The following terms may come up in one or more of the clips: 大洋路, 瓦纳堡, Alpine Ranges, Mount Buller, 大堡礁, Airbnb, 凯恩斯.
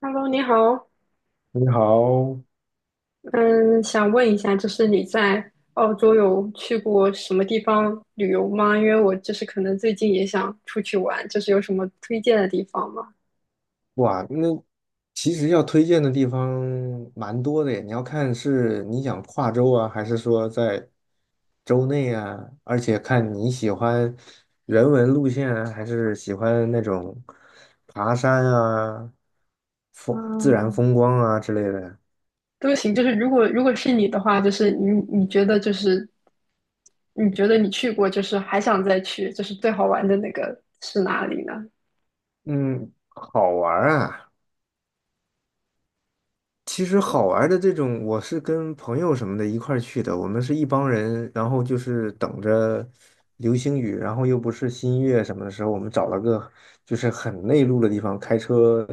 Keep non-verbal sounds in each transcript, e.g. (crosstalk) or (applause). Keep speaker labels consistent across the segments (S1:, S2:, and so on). S1: Hello，你好，
S2: 你好。
S1: 嗯，想问一下，就是你在澳洲有去过什么地方旅游吗？因为我就是可能最近也想出去玩，就是有什么推荐的地方吗？
S2: 哇，那其实要推荐的地方蛮多的耶，你要看是你想跨州啊，还是说在州内啊，而且看你喜欢人文路线啊，还是喜欢那种爬山啊、风自然
S1: 嗯，
S2: 风光啊之类的。
S1: 都行，就是如果是你的话，就是你觉得就是你觉得你去过，就是还想再去，就是最好玩的那个是哪里呢？
S2: 嗯，好玩儿啊。其实
S1: 对。
S2: 好玩儿的这种，我是跟朋友什么的一块儿去的，我们是一帮人，然后就是等着流星雨，然后又不是新月什么的时候，我们找了个就是很内陆的地方，开车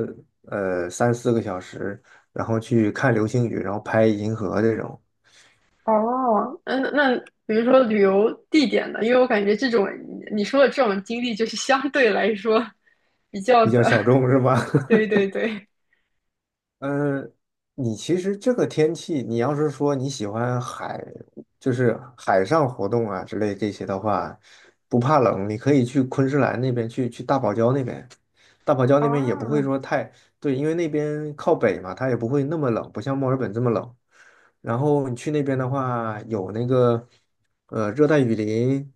S2: 三四个小时，然后去看流星雨，然后拍银河这种，
S1: 哦。嗯，那比如说旅游地点呢？因为我感觉这种你说的这种经历，就是相对来说比较
S2: 比较
S1: 的。
S2: 小众是吧？(laughs)
S1: 对对对。
S2: 嗯，呃你其实这个天气，你要是说你喜欢海，就是海上活动啊之类这些的话，不怕冷，你可以去昆士兰那边，去大堡礁那边。大堡礁那边也不会
S1: 啊。
S2: 说太。对，因为那边靠北嘛，它也不会那么冷，不像墨尔本这么冷。然后你去那边的话，有那个热带雨林，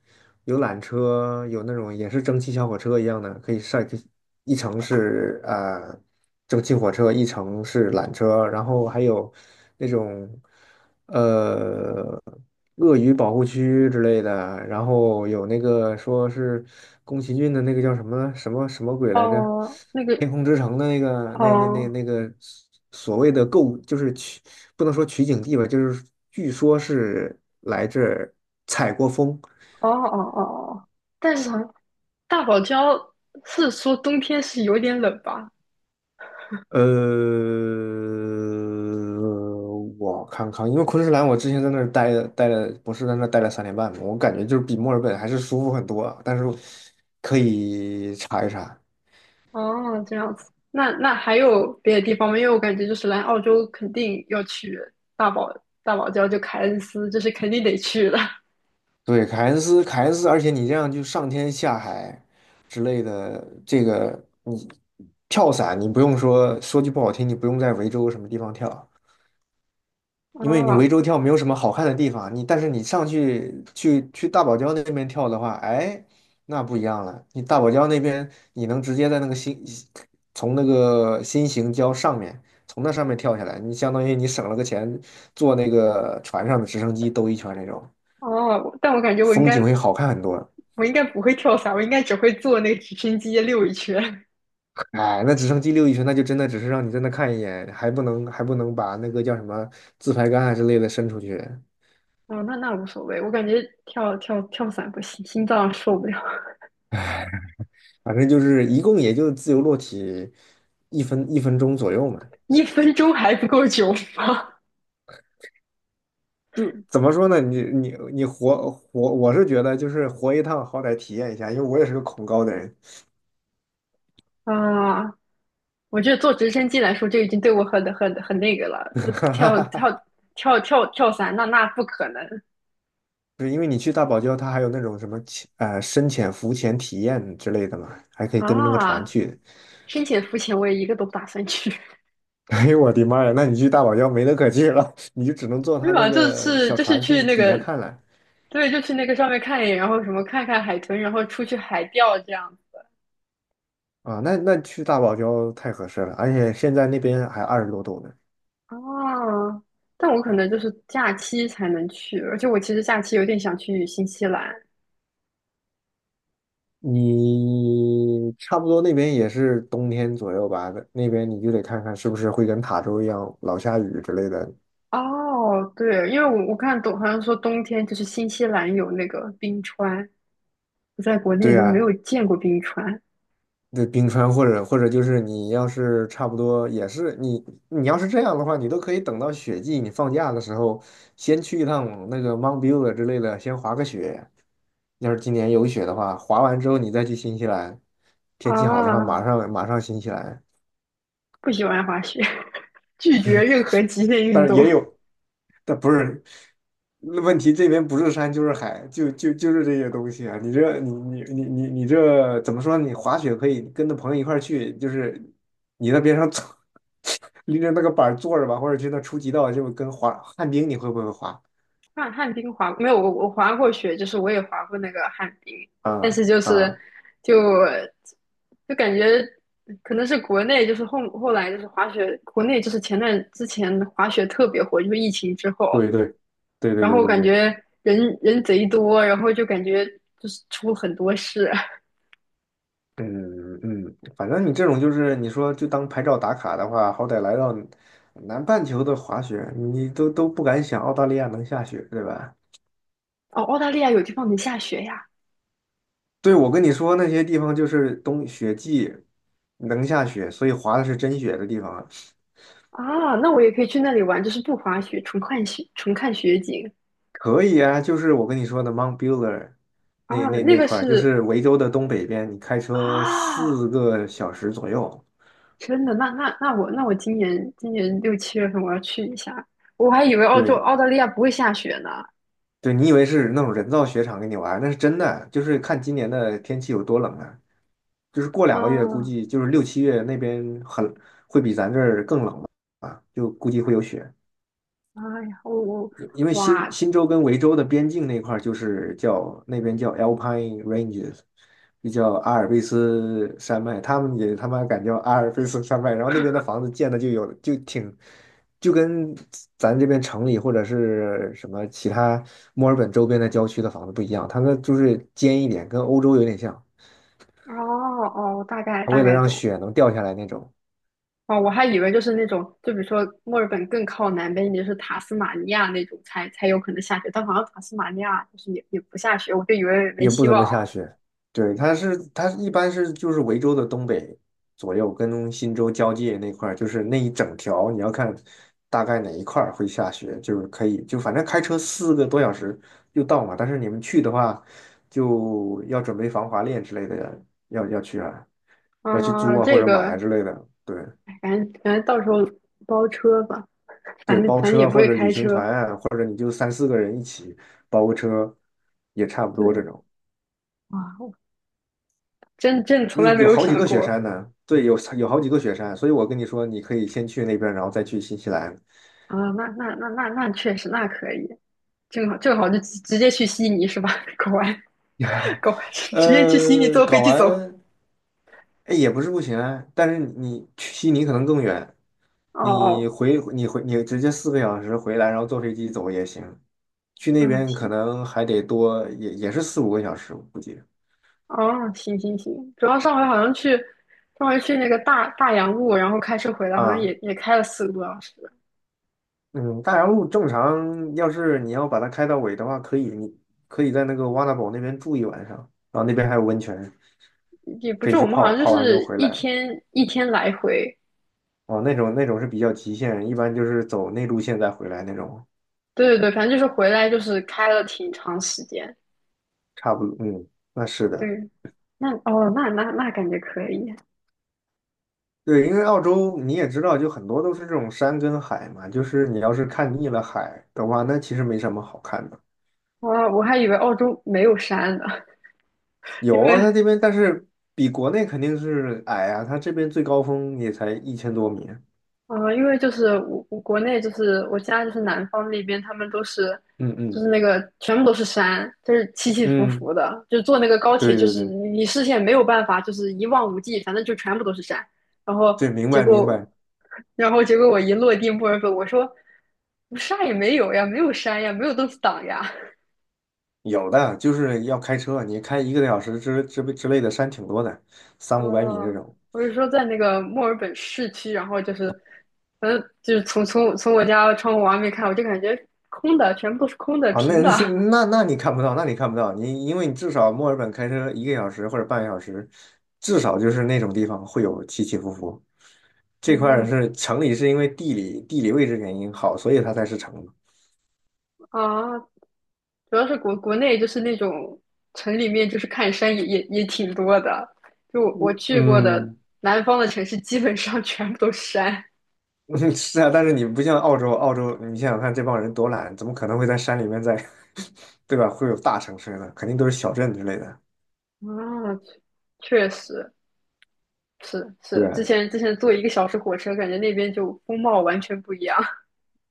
S2: 有缆车，有那种也是蒸汽小火车一样的，可以晒，可以一层是蒸汽火车，一层是缆车，然后还有那种。呃，鳄鱼保护区之类的，然后有那个说是宫崎骏的那个叫什么什么什么鬼来着，
S1: 哦，那个。
S2: 《天空之城》的那个那那那
S1: 哦。
S2: 那个所谓的就是不能说取景地吧，就是据说是来这儿采过风。
S1: 哦哦哦哦。但是好像大堡礁是说冬天是有点冷吧？
S2: 呃，我看看，因为昆士兰我之前在那儿待了，不是在那儿待了3年半嘛，我感觉就是比墨尔本还是舒服很多啊。但是可以查一查。
S1: 哦，这样子。那还有别的地方吗？因为我感觉就是来澳洲肯定要去大堡大堡礁，就凯恩斯，这是肯定得去的。
S2: 对，凯恩斯，凯恩斯，而且你这样就上天下海之类的，这个你跳伞，你不用说，说句不好听，你不用在维州什么地方跳，因为你涠
S1: 哦
S2: 洲跳没有什么好看的地方，你但是你上去大堡礁那边跳的话，哎，那不一样了。你大堡礁那边，你能直接在那个新从那个新型礁上面，从那上面跳下来，你相当于你省了个钱，坐那个船上的直升机兜一圈那种，
S1: 哦。但我感觉我应
S2: 风景
S1: 该
S2: 会好看很多。
S1: 我应该不会跳伞，我应该只会坐那个直升机溜一圈。
S2: 哎，那直升机溜一圈，那就真的只是让你在那看一眼，还不能把那个叫什么自拍杆啊之类的伸出去。
S1: 哦，那无所谓，我感觉跳伞不行，心脏受不了。
S2: 反正就是一共也就自由落体一分钟左右嘛。
S1: (laughs) 1分钟还不够久吗？
S2: 就怎么说呢？你你你活活，我是觉得就是活一趟，好歹体验一下，因为我也是个恐高的人。
S1: 啊，我觉得坐直升机来说，就已经对我很那个了。都跳伞，那不可能
S2: 就是因为你去大堡礁，它还有那种什么深潜、浮潜体验之类的嘛，还可以跟着那个船
S1: 啊！
S2: 去。(laughs)
S1: 深潜、浮潜，我也一个都不打算去。
S2: 哎呦我的妈呀！那你去大堡礁没得可去了。(laughs) 你就只能
S1: (laughs)
S2: 坐
S1: 没
S2: 他
S1: 有
S2: 那
S1: 啊，就
S2: 个
S1: 是
S2: 小
S1: 就是
S2: 船
S1: 去
S2: 去
S1: 那
S2: 底
S1: 个，
S2: 下看了
S1: 对，就去那个上面看一眼，然后什么看看海豚，然后出去海钓这样。
S2: 啊。那去大堡礁太合适了，而且现在那边还二十多度呢。
S1: 啊！但我可能就是假期才能去，而且我其实假期有点想去新西兰。
S2: 你差不多那边也是冬天左右吧，那边你就得看看是不是会跟塔州一样老下雨之类的。
S1: 哦，对，因为我看懂，好像说冬天就是新西兰有那个冰川，我在国内
S2: 对
S1: 都没
S2: 啊，
S1: 有见过冰川
S2: 那冰川或者就是你要是差不多也是你要是这样的话，你都可以等到雪季，你放假的时候先去一趟那个 Mount Buller 之类的，先滑个雪。要是今年有雪的话，滑完之后你再去新西兰，天气好的话
S1: 啊。
S2: 马上马上新西兰。
S1: 不喜欢滑雪，(laughs) 拒绝任何极限运
S2: 但是也
S1: 动。
S2: 有。但不是那问题，这边不是山就是海，就是这些东西啊！你这怎么说呢，你滑雪可以跟着朋友一块儿去，就是你在边上坐，(laughs) 拎着那个板儿坐着吧，或者去那初级道，就跟滑旱冰，你会不会滑？
S1: 旱冰滑，没有，我滑过雪，就是我也滑过那个旱冰，但
S2: 啊
S1: 是就是
S2: 啊，
S1: 就就感觉可能是国内就是后来就是滑雪，国内就是前段之前滑雪特别火，就是疫情之后。
S2: 对对对对
S1: 然
S2: 对
S1: 后
S2: 对
S1: 感
S2: 对，
S1: 觉人人贼多，然后就感觉就是出了很多事。
S2: 嗯嗯，反正你这种就是你说就当拍照打卡的话，好歹来到南半球的滑雪，你都不敢想澳大利亚能下雪，对吧？
S1: 哦，澳大利亚有地方能下雪呀！
S2: 对，我跟你说，那些地方就是冬雪季，能下雪，所以滑的是真雪的地方啊，
S1: 啊，那我也可以去那里玩，就是不滑雪，纯看雪，纯看雪景
S2: 可以啊。就是我跟你说的 Mount Buller
S1: 啊。
S2: 那那
S1: 那
S2: 那
S1: 个
S2: 块儿，就
S1: 是
S2: 是维州的东北边，你开车
S1: 啊，
S2: 四个小时左右。
S1: 真的，那那那我那我今年6、7月份我要去一下，我还以为澳洲
S2: 对
S1: 澳大利亚不会下雪呢。
S2: 对，你以为是那种人造雪场给你玩儿那是真的，就是看今年的天气有多冷啊。就是过2个月，估
S1: 啊，
S2: 计就是六七月那边很会比咱这儿更冷吧，啊，就估计会有雪。
S1: 哎呀，我
S2: 因为新
S1: 哇。
S2: 新州跟维州的边境那块儿就是叫那边叫 Alpine Ranges,就叫阿尔卑斯山脉，他们也他妈敢叫阿尔卑斯山脉，然后那边的房子建的就有就挺就跟咱这边城里或者是什么其他墨尔本周边的郊区的房子不一样，它那就是尖一点，跟欧洲有点像，
S1: 哦哦，大概
S2: 它
S1: 大
S2: 为了
S1: 概
S2: 让
S1: 懂。
S2: 雪能掉下来那种。
S1: 哦，我还以为就是那种，就比如说墨尔本更靠南边一点就是塔斯马尼亚那种才有可能下雪，但好像塔斯马尼亚就是也不下雪，我就以为没
S2: 也不
S1: 希
S2: 怎么
S1: 望
S2: 下
S1: 了。
S2: 雪。对，它一般是就是维州的东北左右，跟新州交界那块儿，就是那一整条，你要看大概哪一块儿会下雪，就是可以反正开车四个多小时就到嘛。但是你们去的话，就要准备防滑链之类的，要去啊，要去租
S1: 啊、
S2: 啊或
S1: 这
S2: 者买啊
S1: 个，
S2: 之类的。对
S1: 哎反正到时候包车吧，
S2: 对，
S1: 反正
S2: 包
S1: 反正也
S2: 车
S1: 不
S2: 或
S1: 会
S2: 者旅
S1: 开
S2: 行
S1: 车。
S2: 团啊，或者你就三四个人一起包个车，也差不多这
S1: 对。
S2: 种。
S1: 啊，我真从
S2: 因
S1: 来
S2: 为
S1: 没
S2: 有
S1: 有
S2: 好几
S1: 想
S2: 个雪
S1: 过
S2: 山呢，对，有好几个雪山，所以我跟你说，你可以先去那边，然后再去新西兰。
S1: 啊、那那那那那确实那可以。正好就直接去悉尼是吧？(laughs) 搞完
S2: (laughs)
S1: 搞完，直接去悉尼坐飞
S2: 搞
S1: 机走。
S2: 完，哎，也不是不行啊，但是你去悉尼可能更远，
S1: 哦
S2: 你
S1: 哦。
S2: 回你回你直接四个小时回来，然后坐飞机走也行。去那
S1: 嗯
S2: 边可
S1: 行。
S2: 能还得多，也是四五个小时，我估计
S1: 哦，行行行。主要上回好像去，上回去那个大洋路，然后开车回来，好像也
S2: 啊。
S1: 也开了4个多小时，
S2: 嗯，大洋路正常，要是你要把它开到尾的话，可以，你可以在那个瓦纳堡那边住一晚上，然后那边还有温泉。
S1: 也不
S2: 可以
S1: 是我
S2: 去
S1: 们好
S2: 泡，
S1: 像就
S2: 泡完之后
S1: 是
S2: 回
S1: 一
S2: 来。
S1: 天一天来回，
S2: 哦，那种是比较极限，一般就是走内陆线再回来那种，
S1: 对对对，反正就是回来就是开了挺长时间。
S2: 差不多。嗯，那是的。
S1: 对，那哦，那感觉可以。
S2: 对，因为澳洲你也知道，就很多都是这种山跟海嘛，就是你要是看腻了海的话，那其实没什么好看的。
S1: 我我还以为澳洲没有山呢，(laughs) 因
S2: 有啊，
S1: 为
S2: 它这边但是比国内肯定是矮啊，它这边最高峰也才一千多米。
S1: 因为就是我国内就是我家就是南方那边，他们都是
S2: 嗯
S1: 就
S2: 嗯
S1: 是那个全部都是山，就是起起伏
S2: 嗯，
S1: 伏的，就坐那个高
S2: 对
S1: 铁就
S2: 对
S1: 是
S2: 对
S1: 你视线没有办法就是一望无际，反正就全部都是山。然后
S2: 对，明
S1: 结
S2: 白明
S1: 果，
S2: 白。
S1: (laughs) 然后结果我一落地墨尔本，我说我啥也没有呀，没有山呀，没有东西挡呀。(laughs)
S2: 有的就是要开车，你开1个多小时之类的山挺多的，三五百米这
S1: 哦，
S2: 种。
S1: 我是说在那个墨尔本市区，然后就是，反正就是从我家窗户往外面看，我就感觉空的，全部都是空的，
S2: 啊，那
S1: 平的。
S2: (laughs) 那你看不到，那你看不到，你因为你至少墨尔本开车1个小时或者半个小时，至少就是那种地方会有起起伏伏。这块儿
S1: 嗯
S2: 是城里是因为地理位置原因好，所以它才是城嘛。
S1: 啊，主要是国内就是那种城里面，就是看山也挺多的。就我去过的
S2: 嗯，
S1: 南方的城市，基本上全部都是山。
S2: (laughs) 是啊，但是你不像澳洲，澳洲你想想看，这帮人多懒，怎么可能会在山里面(laughs) 对吧？会有大城市呢？肯定都是小镇之类的。
S1: 啊，确实是是，之
S2: 对，
S1: 前之前坐1个小时火车，感觉那边就风貌完全不一样。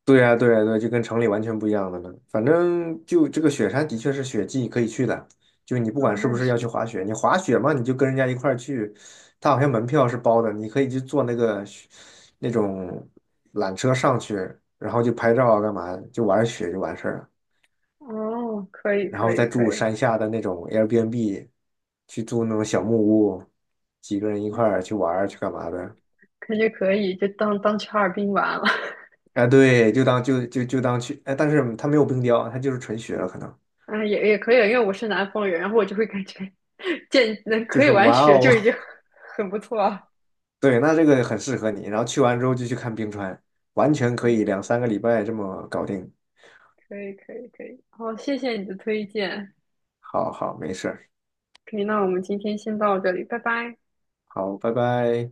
S2: 对呀，对呀，对，就跟城里完全不一样的呢。反正就这个雪山的确是雪季可以去的，就你不
S1: 啊，
S2: 管是不
S1: 那
S2: 是要去
S1: 是
S2: 滑雪，你滑雪嘛，你就跟人家一块儿去，他好像门票是包的，你可以去坐那个雪那种缆车上去，然后就拍照啊，干嘛，就玩雪就完事儿了，
S1: 哦，可以
S2: 然
S1: 可
S2: 后
S1: 以
S2: 再
S1: 可
S2: 住
S1: 以。
S2: 山下的那种 Airbnb,去住那种小木屋，几个人一块儿去玩儿去干嘛的。
S1: 感觉可以，就当去哈尔滨玩了。(laughs)
S2: 哎，对，就当去，哎，但是它没有冰雕，它就是纯雪了，可能。
S1: 啊，也可以，因为我是南方人，然后我就会感觉见能
S2: 就
S1: 可以
S2: 是
S1: 玩
S2: 哇
S1: 雪
S2: 哦。
S1: 就已经 (laughs) 很不错了。
S2: (laughs) 对，那这个很适合你。然后去完之后就去看冰川，完全可以两三个礼拜这么搞定。
S1: 可以可以可以，好，谢谢你的推荐。
S2: 好好，没事儿，
S1: 可以，那我们今天先到这里，拜拜。
S2: 好，拜拜。